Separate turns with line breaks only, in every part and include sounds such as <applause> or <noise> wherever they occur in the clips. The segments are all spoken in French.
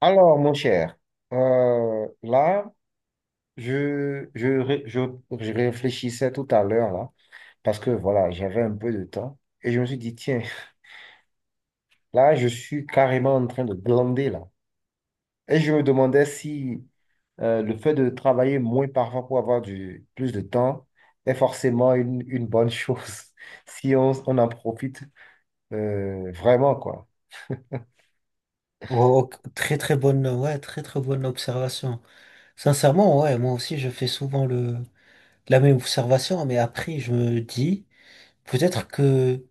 Alors, mon cher, là, je, je, ré- je, je réfléchissais tout à l'heure, là, parce que voilà, j'avais un peu de temps, et je me suis dit, tiens, là, je suis carrément en train de glander, là. Et je me demandais si le fait de travailler moins parfois pour avoir plus de temps est forcément une bonne chose, <laughs> si on en profite vraiment, quoi.
Oh, oh, très très bonne, ouais, très très bonne observation. Sincèrement, ouais, moi aussi je fais souvent le la même observation, mais après je me dis peut-être que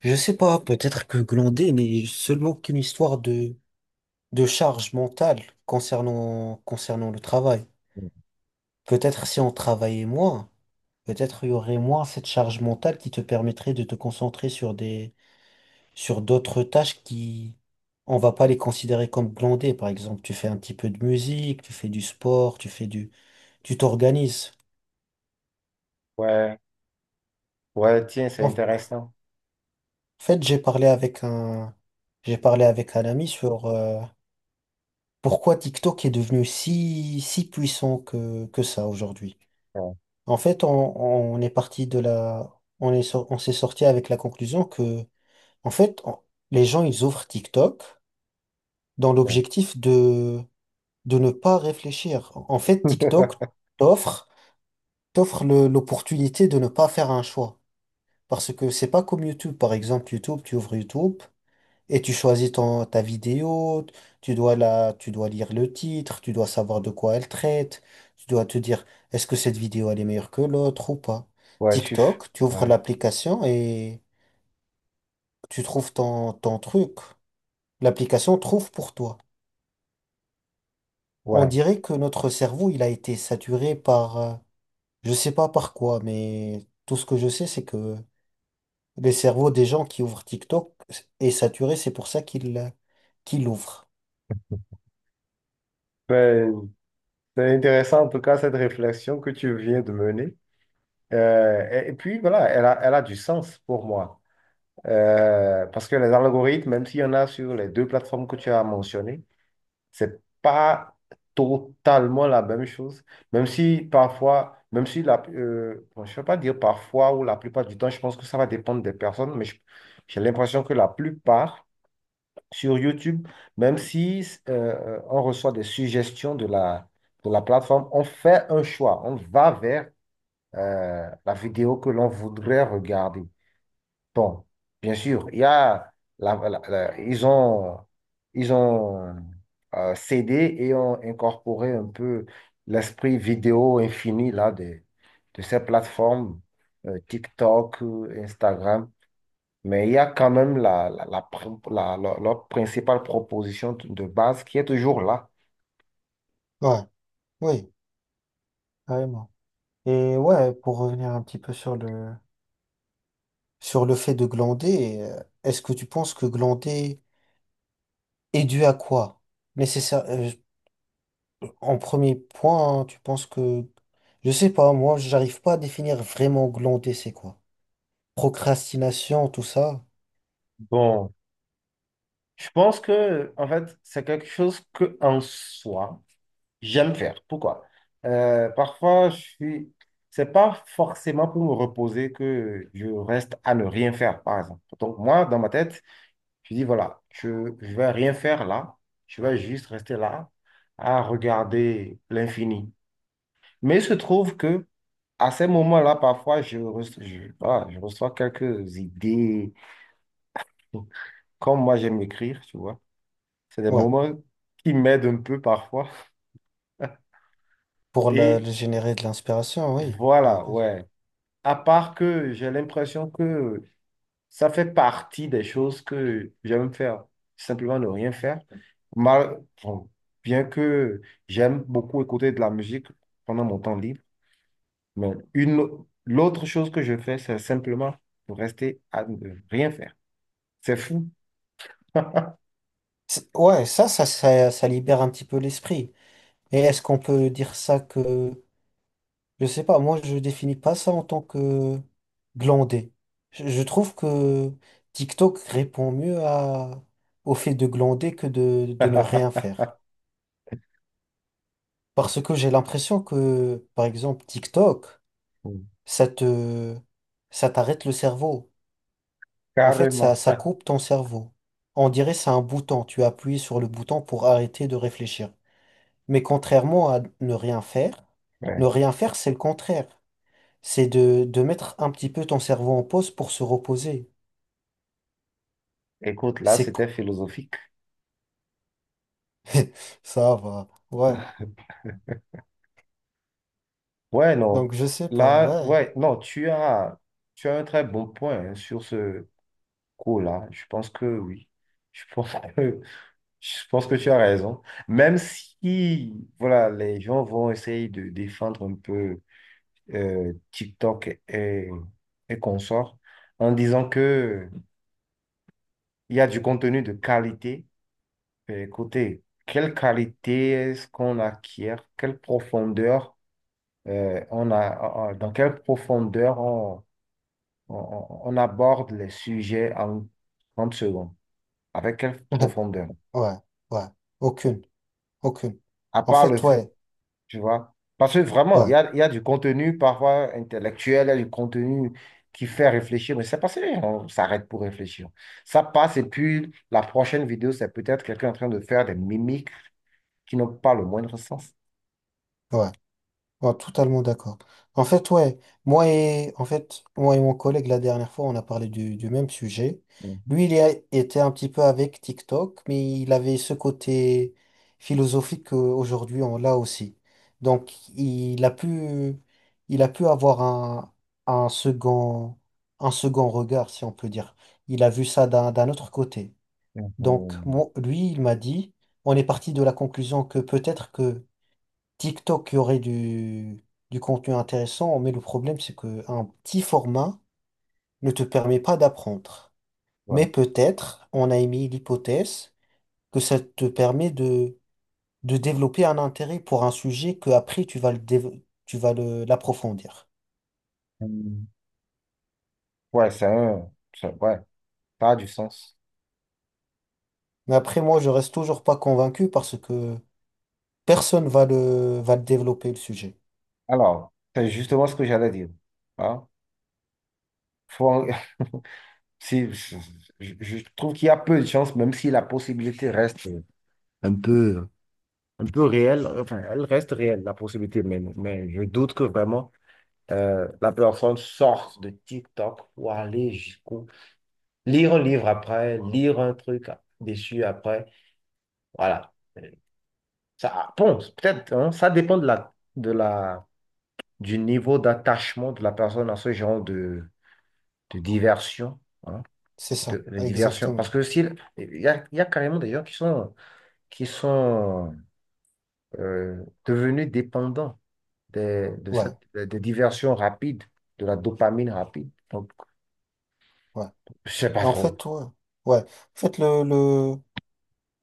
je sais pas, peut-être que glander n'est seulement qu'une histoire de charge mentale concernant le travail. Peut-être si on travaillait moins, peut-être il y aurait moins cette charge mentale qui te permettrait de te concentrer sur d'autres tâches qui, on va pas les considérer comme glandées. Par exemple, tu fais un petit peu de musique, tu fais du sport, tu t'organises.
Ouais, ouais, tiens, c'est
En
intéressant.
fait, j'ai parlé avec un ami sur pourquoi TikTok est devenu si puissant que ça aujourd'hui.
Ouais,
En fait, on est parti de la, on est, sor- on s'est sorti avec la conclusion que, en fait, les gens, ils ouvrent TikTok dans
ouais.
l'objectif de ne pas réfléchir. En fait, TikTok
<laughs>
t'offre t'offre l'opportunité de ne pas faire un choix. Parce que c'est pas comme YouTube. Par exemple, YouTube, tu ouvres YouTube et tu choisis ta vidéo, tu dois lire le titre, tu dois savoir de quoi elle traite, tu dois te dire est-ce que cette vidéo elle est meilleure que l'autre ou pas.
Ouais, tu... f-
TikTok, tu ouvres
Ouais,
l'application et tu trouves ton truc. L'application trouve pour toi. On
ouais.
dirait que notre cerveau, il a été saturé par, je sais pas par quoi, mais tout ce que je sais, c'est que les cerveaux des gens qui ouvrent TikTok est saturé, c'est pour ça qu'ils l'ouvrent.
Ben, c'est intéressant en tout cas cette réflexion que tu viens de mener. Et puis voilà, elle a du sens pour moi. Parce que les algorithmes, même s'il y en a sur les deux plateformes que tu as mentionnées, c'est pas totalement la même chose. Même si parfois, même si bon, je ne vais pas dire parfois ou la plupart du temps, je pense que ça va dépendre des personnes, j'ai l'impression que la plupart sur YouTube, même si on reçoit des suggestions de de la plateforme, on fait un choix, on va vers la vidéo que l'on voudrait regarder. Bon, bien sûr, il y a la- la- la- ils ont, ils ont cédé et ont incorporé un peu l'esprit vidéo infini là, de ces plateformes, TikTok, Instagram. Mais il y a quand même la, la, la pr- la- la- leur principale proposition de base qui est toujours là.
Ouais, oui, carrément. Et ouais, pour revenir un petit peu sur le fait de glander, est-ce que tu penses que glander est dû à quoi? Nécessaire, en premier point, hein, tu penses que je sais pas, moi, j'arrive pas à définir vraiment glander, c'est quoi? Procrastination, tout ça.
Bon, je pense que, en fait, c'est quelque chose que, en soi, j'aime faire. Pourquoi? Parfois, je suis... C'est pas forcément pour me reposer que je reste à ne rien faire, par exemple. Donc, moi, dans ma tête, je dis, voilà, je vais rien faire là. Je vais juste rester là à regarder l'infini. Mais il se trouve que à ces moments-là, parfois, je reçois quelques idées. Comme moi, j'aime écrire, tu vois. C'est des
Ouais.
moments qui m'aident un peu parfois.
Pour le,
Et
le générer de l'inspiration, oui. Ouais,
voilà,
bien sûr.
ouais. À part que j'ai l'impression que ça fait partie des choses que j'aime faire. Simplement ne rien faire. Mal, bon, bien que j'aime beaucoup écouter de la musique pendant mon temps libre. Mais l'autre chose que je fais, c'est simplement de rester à ne rien faire. C'est fou.
Ouais, ça libère un petit peu l'esprit. Et est-ce qu'on peut dire ça que... Je sais pas, moi, je définis pas ça en tant que glander. Je trouve que TikTok répond mieux au fait de glander que de ne rien
<laughs>
faire. Parce que j'ai l'impression que, par exemple, TikTok, ça te, ça t'arrête le cerveau. En fait, ça,
Carrément.
ça coupe ton cerveau. On dirait c'est un bouton. Tu appuies sur le bouton pour arrêter de réfléchir. Mais contrairement à ne rien faire, ne
Ouais.
rien faire, c'est le contraire. C'est de mettre un petit peu ton cerveau en pause pour se reposer.
Écoute, là,
C'est co-
c'était philosophique.
<laughs> Ça va. Ouais.
<laughs> Ouais, non.
Donc je sais pas.
Là,
Ouais.
ouais, non, tu as un très bon point hein, sur ce coup-là. Je pense que oui. Je pense que, <laughs> je pense que tu as raison. Même si, voilà, les gens vont essayer de défendre un peu TikTok et consorts en disant que il y a du contenu de qualité. Mais écoutez, quelle qualité est-ce qu'on acquiert? Quelle profondeur dans quelle profondeur on aborde les sujets en 30 secondes? Avec quelle
<laughs>
profondeur?
Ouais. Ouais. Aucune. Aucune.
À
En
part le
fait,
fait,
ouais.
tu vois, parce que vraiment,
Ouais,
il y a du contenu parfois intellectuel, il y a du contenu qui fait réfléchir, mais c'est parce qu'on s'arrête pour réfléchir. Ça passe et puis la prochaine vidéo, c'est peut-être quelqu'un en train de faire des mimiques qui n'ont pas le moindre sens.
ouais. Oh, totalement d'accord. En fait, ouais, en fait, moi et mon collègue, la dernière fois, on a parlé du même sujet.
Mhm.
Lui, était un petit peu avec TikTok, mais il avait ce côté philosophique qu'aujourd'hui, on l'a aussi. Donc, il a pu avoir un second, un second regard, si on peut dire. Il a vu ça d'un autre côté. Donc, lui, il m'a dit, on est parti de la conclusion que peut-être que TikTok, il y aurait du contenu intéressant, mais le problème, c'est qu'un petit format ne te permet pas d'apprendre.
Ouais.
Mais peut-être, on a émis l'hypothèse que ça te permet de développer un intérêt pour un sujet que après tu vas le dév- tu vas le, l'approfondir.
Mhm. Ouais, ça a du sens.
Mais après, moi, je reste toujours pas convaincu parce que personne va le développer, le sujet.
Alors, c'est justement ce que j'allais dire. Hein? Faut- <laughs> si, Je trouve qu'il y a peu de chances, même si la possibilité reste un peu, un peu réelle. Enfin, elle reste réelle, la possibilité, mais je doute que vraiment la personne sorte de TikTok pour aller jusqu'au... Lire un livre après, lire un truc dessus après. Voilà. Ça, ah, bon, peut-être, hein, ça dépend de du niveau d'attachement de la personne à ce genre de diversion, hein,
C'est ça,
de diversion. Parce
exactement.
que s'il il y a carrément des gens qui sont devenus dépendants de
Ouais,
cette, des diversions rapides, de la dopamine rapide. Donc,
ouais.
je sais pas
En
trop.
fait, ouais. Ouais. En fait, le, le,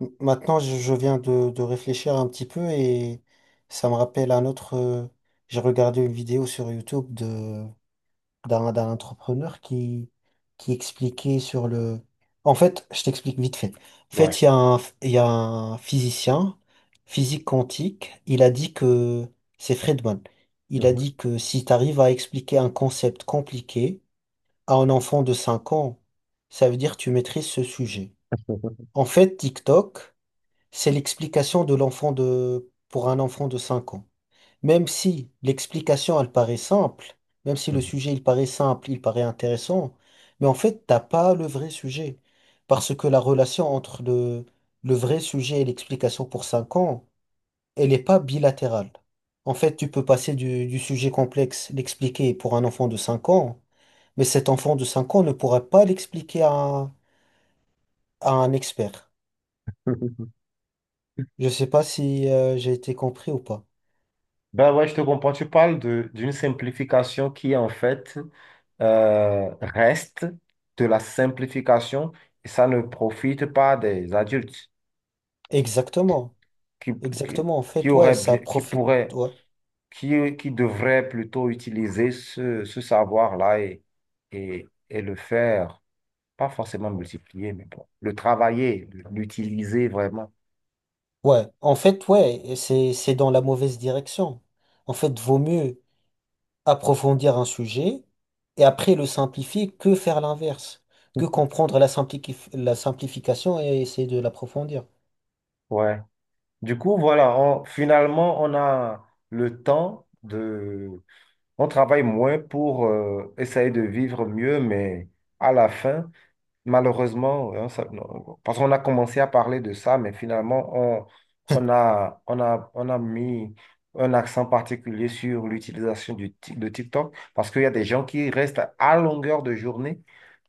M- Maintenant, je viens de réfléchir un petit peu et ça me rappelle un autre. J'ai regardé une vidéo sur YouTube de d'un d'un entrepreneur qui expliquait sur le. En fait, je t'explique vite fait. En
Ouais.
fait, il y a un physicien physique quantique. Il a dit que c'est Friedman. Il a
Mhm.
dit que si tu arrives à expliquer un concept compliqué à un enfant de 5 ans, ça veut dire que tu maîtrises ce sujet. En fait, TikTok. C'est l'explication de l'enfant de, pour un enfant de 5 ans. Même si l'explication, elle paraît simple, même si le sujet, il paraît simple, il paraît intéressant, mais en fait, t'as pas le vrai sujet. Parce que la relation entre le vrai sujet et l'explication pour 5 ans, elle n'est pas bilatérale. En fait, tu peux passer du sujet complexe, l'expliquer pour un enfant de 5 ans, mais cet enfant de 5 ans ne pourra pas l'expliquer à, à un expert.
<laughs>
Je sais pas si j'ai été compris ou pas.
Ben ouais, je te comprends. Tu parles de d'une simplification qui en fait reste de la simplification et ça ne profite pas des adultes
Exactement,
qui, qui,
exactement. En
qui
fait, ouais,
auraient
ça
bien,
profite. Ouais,
qui devraient plutôt utiliser ce savoir-là et le faire, pas forcément multiplier, mais bon, le travailler, l'utiliser vraiment.
ouais. En fait, ouais, et c'est dans la mauvaise direction. En fait, vaut mieux approfondir un sujet et après le simplifier que faire l'inverse, que comprendre la la simplification et essayer de l'approfondir.
Ouais. Du coup, voilà, finalement, on a le temps. On travaille moins pour essayer de vivre mieux, mais à la fin, malheureusement, hein, non, parce qu'on a commencé à parler de ça, mais finalement, on a mis un accent particulier sur l'utilisation de TikTok, parce qu'il y a des gens qui restent à longueur de journée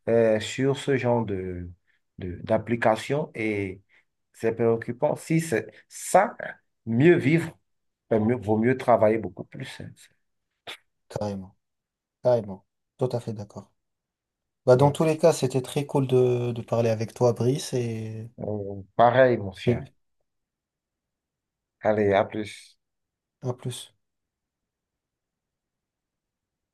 sur ce genre d'application et c'est préoccupant. Si c'est ça, mieux vivre, vaut mieux travailler beaucoup plus. Hein.
Carrément, carrément. Tout à fait d'accord. Bah, dans tous
Donc,
les cas, c'était très cool de parler avec toi, Brice, et
euh, pareil, mon
et
cher. Allez, à plus.
à plus.